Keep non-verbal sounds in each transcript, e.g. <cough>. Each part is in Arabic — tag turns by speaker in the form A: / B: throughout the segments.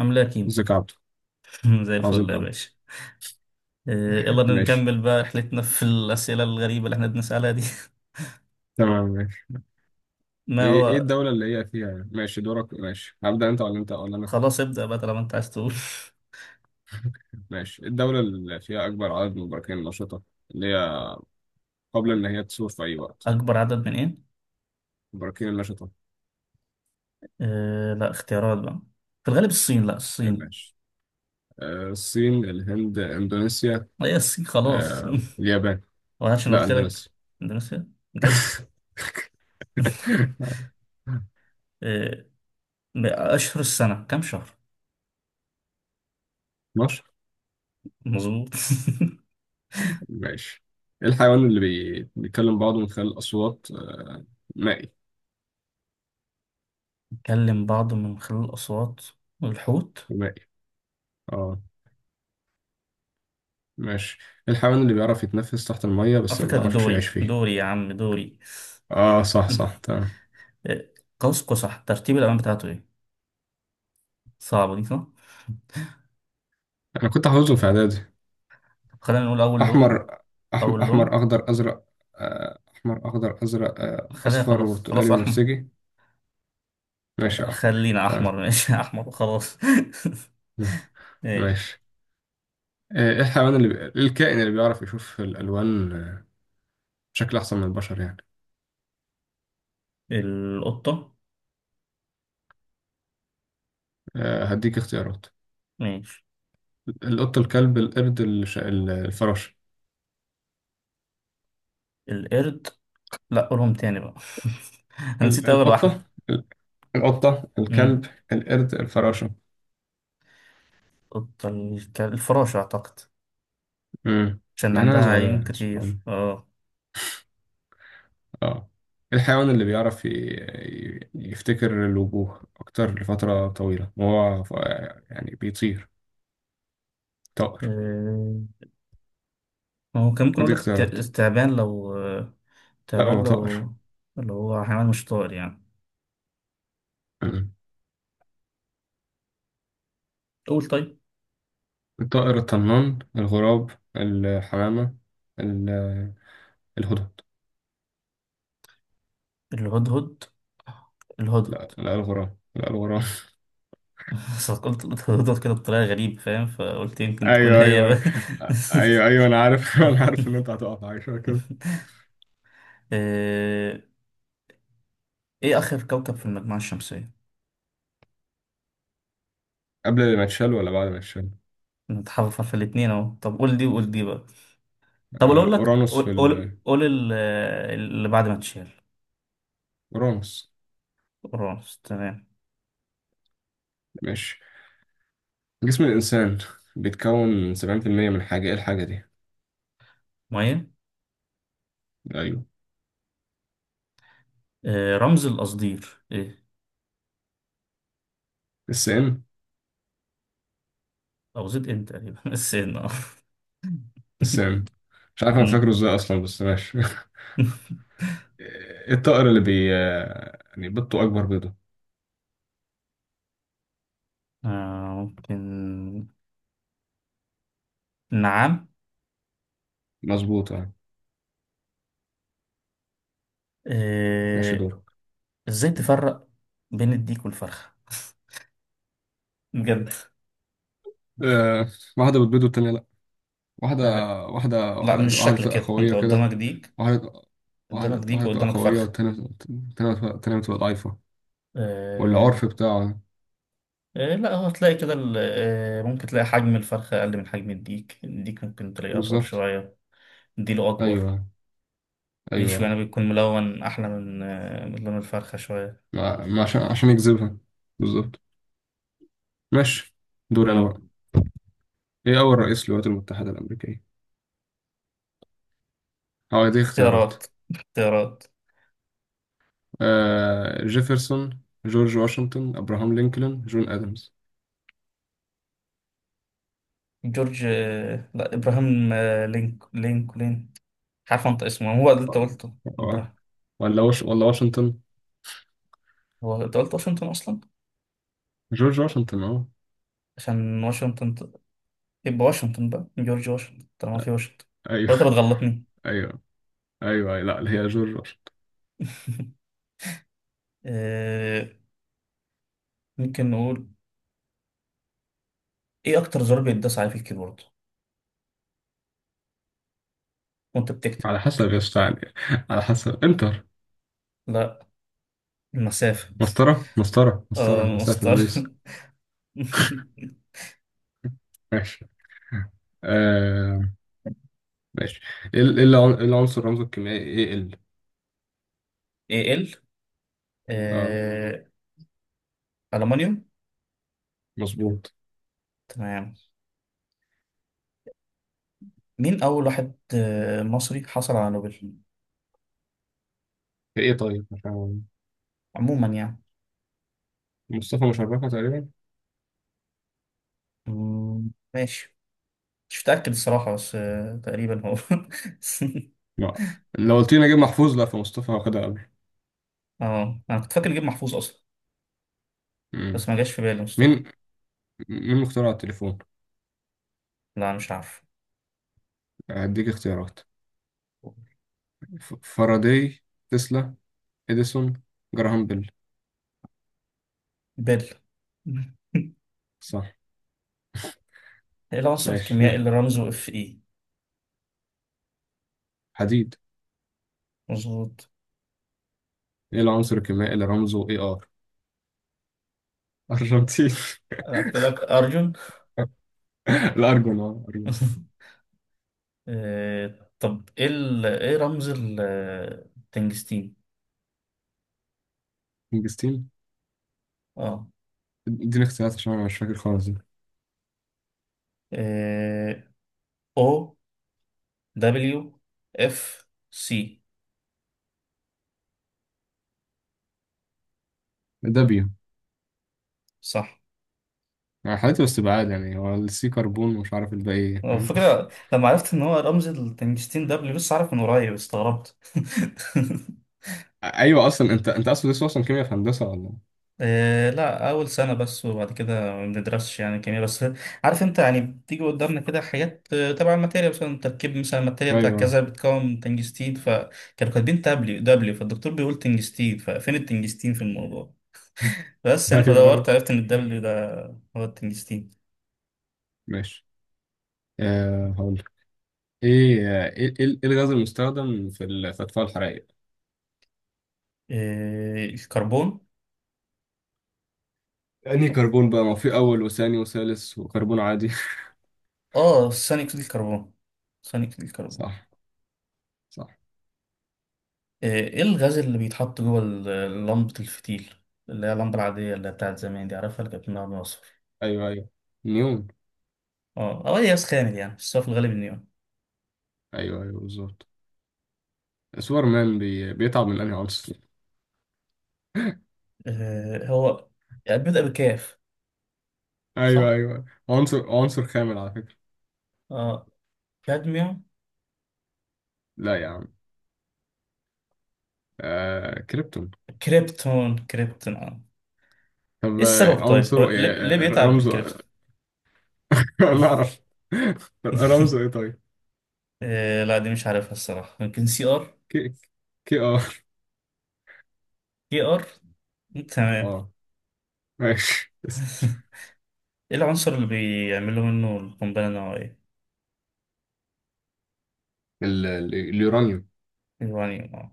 A: عاملة يا كيمو؟
B: ازيك يا عبدو؟
A: <laughs> زي الفل
B: عظيم
A: يا
B: أوي.
A: باشا. آه، يلا
B: ماشي.
A: نكمل بقى رحلتنا في الأسئلة الغريبة اللي احنا بنسألها دي.
B: تمام. ماشي.
A: <laughs> ما
B: ايه
A: هو
B: الدولة اللي هي فيها. ماشي، دورك. ماشي، هبدأ انت ولا انا؟
A: خلاص، ابدأ بقى طالما انت عايز تقول.
B: ماشي. إيه الدولة اللي فيها أكبر عدد من البراكين النشطة؟ اللي هي قبل إن
A: <laughs>
B: هي تثور في أي وقت.
A: أكبر عدد من ايه؟
B: البراكين النشطة.
A: أه، لا اختيارات بقى. في الغالب الصين، لا الصين
B: ماشي. الصين، الهند، إندونيسيا.
A: هي الصين خلاص.
B: اليابان.
A: <laughs> وعشان
B: لا،
A: قلت لك
B: إندونيسيا.
A: اندونيسيا بجد. <laughs>
B: <laughs>
A: آه، أشهر السنة كام شهر؟
B: مصر.
A: مظبوط.
B: ماشي. إيه الحيوان اللي بيتكلم بعضه من خلال الأصوات. مائي.
A: <laughs> نكلم بعض من خلال الأصوات والحوت.
B: مائي. اه. ماشي. الحيوان اللي بيعرف يتنفس تحت المية
A: على
B: بس ما
A: فكرة ده
B: بيعرفش يعيش
A: دوري،
B: فيه.
A: يا عم دوري.
B: اه، صح، صح،
A: <laughs>
B: تمام.
A: إيه، قوس قزح ترتيب الألوان بتاعته إيه؟ صعبة دي صح؟
B: انا كنت حافظهم في اعدادي.
A: خلينا نقول أول لون.
B: احمر.
A: أول
B: احمر،
A: لون.
B: اخضر، ازرق. احمر، اخضر، ازرق،
A: خلينا
B: اصفر،
A: خلاص
B: برتقالي،
A: أحمر.
B: بنفسجي. ماشي يا احمر.
A: خلينا أحمر
B: تمام.
A: ماشي. <laughs> أحمر وخلاص. <laughs> ماشي.
B: ماشي. ايه الحيوان اللي بي... إيه الكائن اللي بيعرف يشوف الالوان، بشكل احسن من البشر يعني.
A: القطة.
B: هديك اختيارات.
A: ماشي.
B: القطة، الكلب، القرد، الفراشة.
A: القرد. لا، قولهم تاني بقى. <laughs> أنا نسيت أول واحدة.
B: القطة. ال- القطة،
A: مم.
B: الكلب. القرد، الفراشة.
A: القطة، الك- الفراشة أعتقد،
B: امم.
A: عشان
B: مع انها
A: عندها
B: صغيره
A: عيون
B: يعني، سبحان الله.
A: كتير. اه.
B: اه. الحيوان اللي بيعرف يفتكر الوجوه اكتر لفتره طويله وهو يعني بيطير. طائر.
A: آه، هو كان ممكن أقول
B: دي
A: لك الت-
B: اختيارات.
A: التعبان لو،
B: لا،
A: التعبان
B: هو طائر.
A: لو اللي هو حيوان مش طائر يعني.
B: أمم.
A: قول طيب.
B: الطائر الطنان، الغراب، الحمامه، ال- الهدهد.
A: الهدهد، الهدهد.
B: لا، لا، الغراب. لا، الغراب.
A: <laughs> بس قلت الهدهد كده بطريقة غريبة فاهم، فقلت
B: <laughs>
A: يمكن تكون
B: ايوه،
A: هي
B: ايوه،
A: بقى.
B: ايوه. ايوه، ايوه، انا عارف. <laughs> انا عارف ان انت
A: <laughs>
B: هتقع في حاجه شبه كده.
A: آه، ايه اخر كوكب في المجموعة الشمسية؟
B: قبل ما تشال ولا بعد ما تشال؟
A: نتحرف في الاتنين اهو، طب قول دي وقول دي بقى. طب أقول لك،
B: اورانوس في
A: قول
B: ال...
A: قول ال-، اللي بعد ما تشيل.
B: اورانوس.
A: اورانوس، تمام.
B: ماشي. جسم الإنسان بيتكون من 70% من حاجة، إيه الحاجة دي؟
A: ميه.
B: أيوه.
A: رمز القصدير ايه؟
B: السام.
A: او زد ان تقريبا. <laughs> السين اه. <laughs>
B: السام. مش عارف أنا
A: مم.
B: فاكره إزاي أصلا، بس ماشي. <laughs>
A: <laughs>
B: إيه الطائر اللي يعني بيضته أكبر بيضة؟
A: آه، ممكن؟ نعم.
B: مظبوط، أه. ماشي،
A: آه،
B: دورك.
A: ازاي تفرق بين الديك والفرخة بجد؟
B: أه. واحدة بتبيض والتانية لأ. واحدة.
A: آه،
B: واحدة
A: لا
B: واحدة
A: مش
B: واحدة
A: شكل
B: تبقى
A: كده، انت
B: قوية كده.
A: قدامك ديك،
B: واحدة
A: قدامك
B: واحدة
A: ديك
B: واحدة تبقى
A: وقدامك
B: قوية،
A: فرخة.
B: والتانية التانية بتبقى ضعيفة.
A: آه،
B: والعرف بتاعه ده.
A: لا هو تلاقي كده ال-، ممكن تلاقي حجم الفرخة أقل من حجم الديك، الديك ممكن تلاقيه أطول
B: بالظبط.
A: شوية، ديله أكبر،
B: أيوه.
A: ريشه
B: أيوه.
A: يعني بيكون ملون أحلى من من لون الفرخة شوية.
B: ما عشان يجذبها. بالظبط. ماشي. دوري أنا بقى.
A: مم.
B: ايه اول رئيس للولايات المتحدة الامريكية؟ اه، دي اختيارات.
A: اختيارات، اختيارات.
B: جيفرسون، جورج واشنطن، ابراهام لينكولن، جون ادمز.
A: جورج، لا إبراهام، لينك لين، مش عارف أنطق اسمه هو اللي أنت قلته.
B: اه.
A: إبراهام.
B: ولا واشنطن؟
A: هو أنت قلت واشنطن أصلا،
B: جورج واشنطن، اه.
A: عشان واشنطن ت-، يبقى واشنطن بقى، جورج واشنطن طالما في واشنطن.
B: ايوه.
A: ولا انت بتغلطني؟
B: <laughs> ايوه، ايوه، أيوة. لا، هي جورج واشنطن.
A: <laughs> آه، ممكن نقول ايه اكتر زرار بيتداس عليه في الكيبورد وانت بتكتب؟
B: على حسب يا اسطى، يعني. على حسب، انتر.
A: لا، المسافة. <laughs>
B: مسطرة، مسطرة، مسطرة،
A: اه،
B: مسافة،
A: مسطر.
B: سبيس.
A: <laughs>
B: ماشي. آه. ماشي. إيه العنصر رمزه الكيميائي ايه ال
A: ايه ال
B: اه،
A: آه، ألمنيوم.
B: مظبوط.
A: تمام. مين أول واحد مصري حصل على نوبل
B: ايه، طيب، مش عارف.
A: عموما يعني؟
B: مصطفى مشرفة تقريبا.
A: ماشي. مش متأكد الصراحة، بس تقريبا هو.
B: لا، لو قلت لي نجيب محفوظ، لا، فمصطفى واخدها قبل.
A: <laughs> اه، أنا كنت فاكر نجيب محفوظ أصلا،
B: مم.
A: بس ما جاش في بالي مصطفى.
B: مين مين مخترع التليفون؟
A: لا، مش عارف.
B: هديك اختيارات. فاراداي، تسلا، اديسون، جراهام بيل.
A: بل. <laughs>
B: صح.
A: ايه العنصر
B: ماشي.
A: الكيميائي اللي
B: <laughs>
A: رمزه اف اي؟
B: حديد.
A: مظبوط.
B: ايه العنصر الكيميائي اللي رمزه اي ار؟ ارجنتين.
A: انا قلت لك ارجون.
B: <laughs> الارجون، اه، ارجون، صح.
A: <laughs> طب ايه ال- ايه رمز ال- التنجستين؟
B: انجستين.
A: اه.
B: اديني اختيارات عشان انا مش فاكر خالص ده.
A: آه، او دبليو اف سي.
B: دابيو.
A: صح.
B: يعني حالته واستبعاد، يعني هو السي كربون ومش عارف الباقي ايه،
A: على
B: فاهم.
A: فكرة لما عرفت ان هو رمز التنجستين ده، بس عارف من قريب استغربت. <laughs>
B: ايوه، اصلا انت اصلا لسه اصلا كيمياء في هندسه ولا؟
A: إيه لا، أول سنة بس، وبعد كده ما بندرسش يعني كيمياء، بس عارف أنت يعني بتيجي قدامنا كده حاجات تبع الماتيريال، مثلا تركيب مثلا الماتيريال بتاع
B: ايوه.
A: كذا بتكون تنجستين، فكانوا كاتبين دبليو، فالدكتور بيقول تنجستين، ففين التنجستين في الموضوع؟ بس
B: <laughs>
A: يعني
B: ايوه،
A: فدورت،
B: ايوه.
A: عرفت إن الدبليو ده هو التنجستين.
B: ماشي. هقول لك. ايه آه، ايه ايه إيه الغاز المستخدم في في اطفاء الحرائق؟
A: إيه، الكربون.
B: يعني كربون بقى، ما هو في اول وثاني وثالث وكربون عادي.
A: آه، ثاني أكسيد الكربون، ثاني أكسيد
B: <laughs>
A: الكربون.
B: صح. صح.
A: إيه الغاز اللي بيتحط جوه ال- لمبة الفتيل، اللي هي اللمبة العادية اللي هي بتاعت زمان دي، عارفها اللي كانت بنقعد.
B: ايوه، ايوه، نيون.
A: اه، او الياس خامل يعني، بس هو في الغالب النيون.
B: ايوه، ايوه، بالظبط. سوبر مان بيتعب من انهي عنصر؟
A: آه، هو يعني بيبدأ بكاف
B: ايوه،
A: صح؟
B: ايوه، عنصر خامل على فكره.
A: اه، كادميوم.
B: لا يا عم. كريبتون.
A: كريبتون، كريبتون اه.
B: طب،
A: ايه السبب طيب؟ هو
B: عنصره
A: ليه,
B: إيه؟
A: ليه بيتعب من
B: رمزه؟
A: الكريبتون؟
B: <laughs> انا اعرف. <laughs> رمزه ايه
A: <laughs>
B: طيب؟
A: آه لا، دي مش عارفها الصراحة، يمكن سي ار.
B: كي. كي، اه.
A: كي ار. تمام.
B: اه. ماشي.
A: <laughs>
B: <laughs>
A: ايه العنصر اللي بيعملوا منه القنبلة النووية؟
B: اليورانيوم.
A: اليورانيوم اه.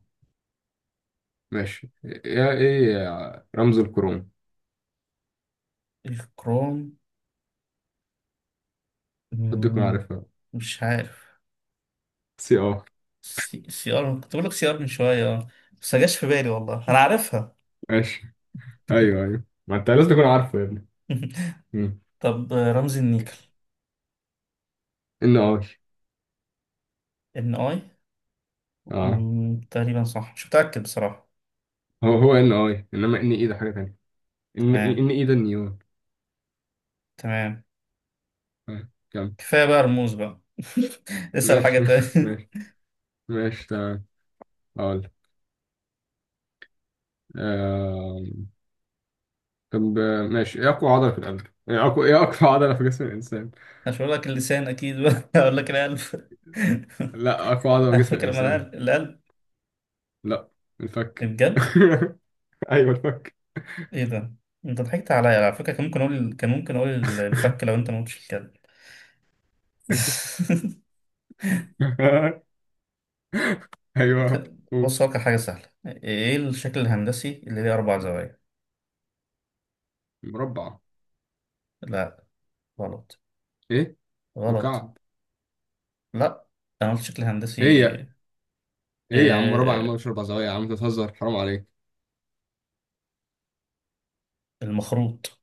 B: ماشي، يا ايه يا رمز الكروم.
A: الكروم.
B: حد يكون
A: مم،
B: عارفها.
A: مش عارف.
B: سي، اه.
A: سي ار، كنت بقول لك سي ار من شوية اه، بس ما جاش في بالي والله انا عارفها.
B: ماشي. ايوه، ايوه، ما انت لازم تكون عارفه يا ابني. مم.
A: <laughs> طب رمز النيكل؟
B: ان اي.
A: ان اي.
B: اه.
A: تقريبا صح، مش متأكد بصراحة.
B: هو هو ان اي، انما ان ايه ده حاجه تانية. ان
A: تمام،
B: ان ايه ده النيون.
A: تمام.
B: كم.
A: كفاية بقى رموز بقى. <laughs> اسأل حاجة
B: ماشي.
A: تانية.
B: <laughs>
A: <laughs>
B: ماشي. ماشي، تمام. اقول لك. آم، طب، ماشي، ايه اقوى عضله في جسم الانسان؟
A: مش هقول لك اللسان اكيد بقى، <laughs> هقول لك القلب. <laughs>
B: لا، اقوى عضله في
A: على
B: جسم
A: فكرة، ما انا
B: الانسان.
A: قلب- القلب.
B: لا. الفك.
A: بجد؟
B: <laughs> ايوه، الفك.
A: ايه ده! انت ضحكت عليا على فكرة، كان ممكن اقول، الفك لو انت ما قلتش الكلب. <laughs>
B: <laughs> ايوه.
A: بص، هقول لك حاجة سهلة. ايه الشكل الهندسي اللي ليه اربع زوايا؟
B: مربع.
A: لا، غلط.
B: ايه؟
A: غلط.
B: مكعب.
A: لا، انا قلت شكل
B: ايه
A: هندسي.
B: يا ايه يا عم مربع يا
A: آه،
B: عم، مش اربع زوايا يا عم، أنت بتهزر، حرام عليك.
A: المخروط،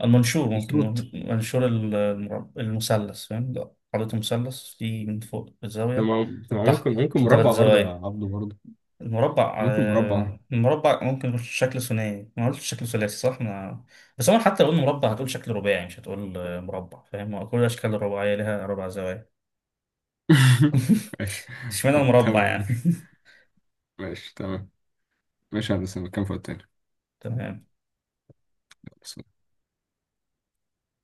A: المنشور، ممكن
B: مشروط.
A: نقول منشور ال- المرب- المثلث، فاهم ده خريطة مثلث في، من فوق الزاوية
B: تمام، تمام، ممكن،
A: تحت،
B: ممكن
A: ثلاث
B: مربع برضه يا
A: زوايا.
B: عبده برضه.
A: المربع،
B: ممكن مربع.
A: المربع ممكن يكون شكل ثنائي، ما قلتش شكل ثلاثي صح ما، بس هو حتى لو قلنا مربع هتقول شكل رباعي، مش هتقول مربع، فاهم؟ كل الأشكال الرباعية لها ربع زوايا.
B: <laughs>
A: <laughs>
B: ماشي.
A: اشمعنى المربع
B: تمام،
A: يعني.
B: ماشي. ماشي، تمام. ماشي يا هندسة، كام فوق التاني؟
A: <laughs> تمام.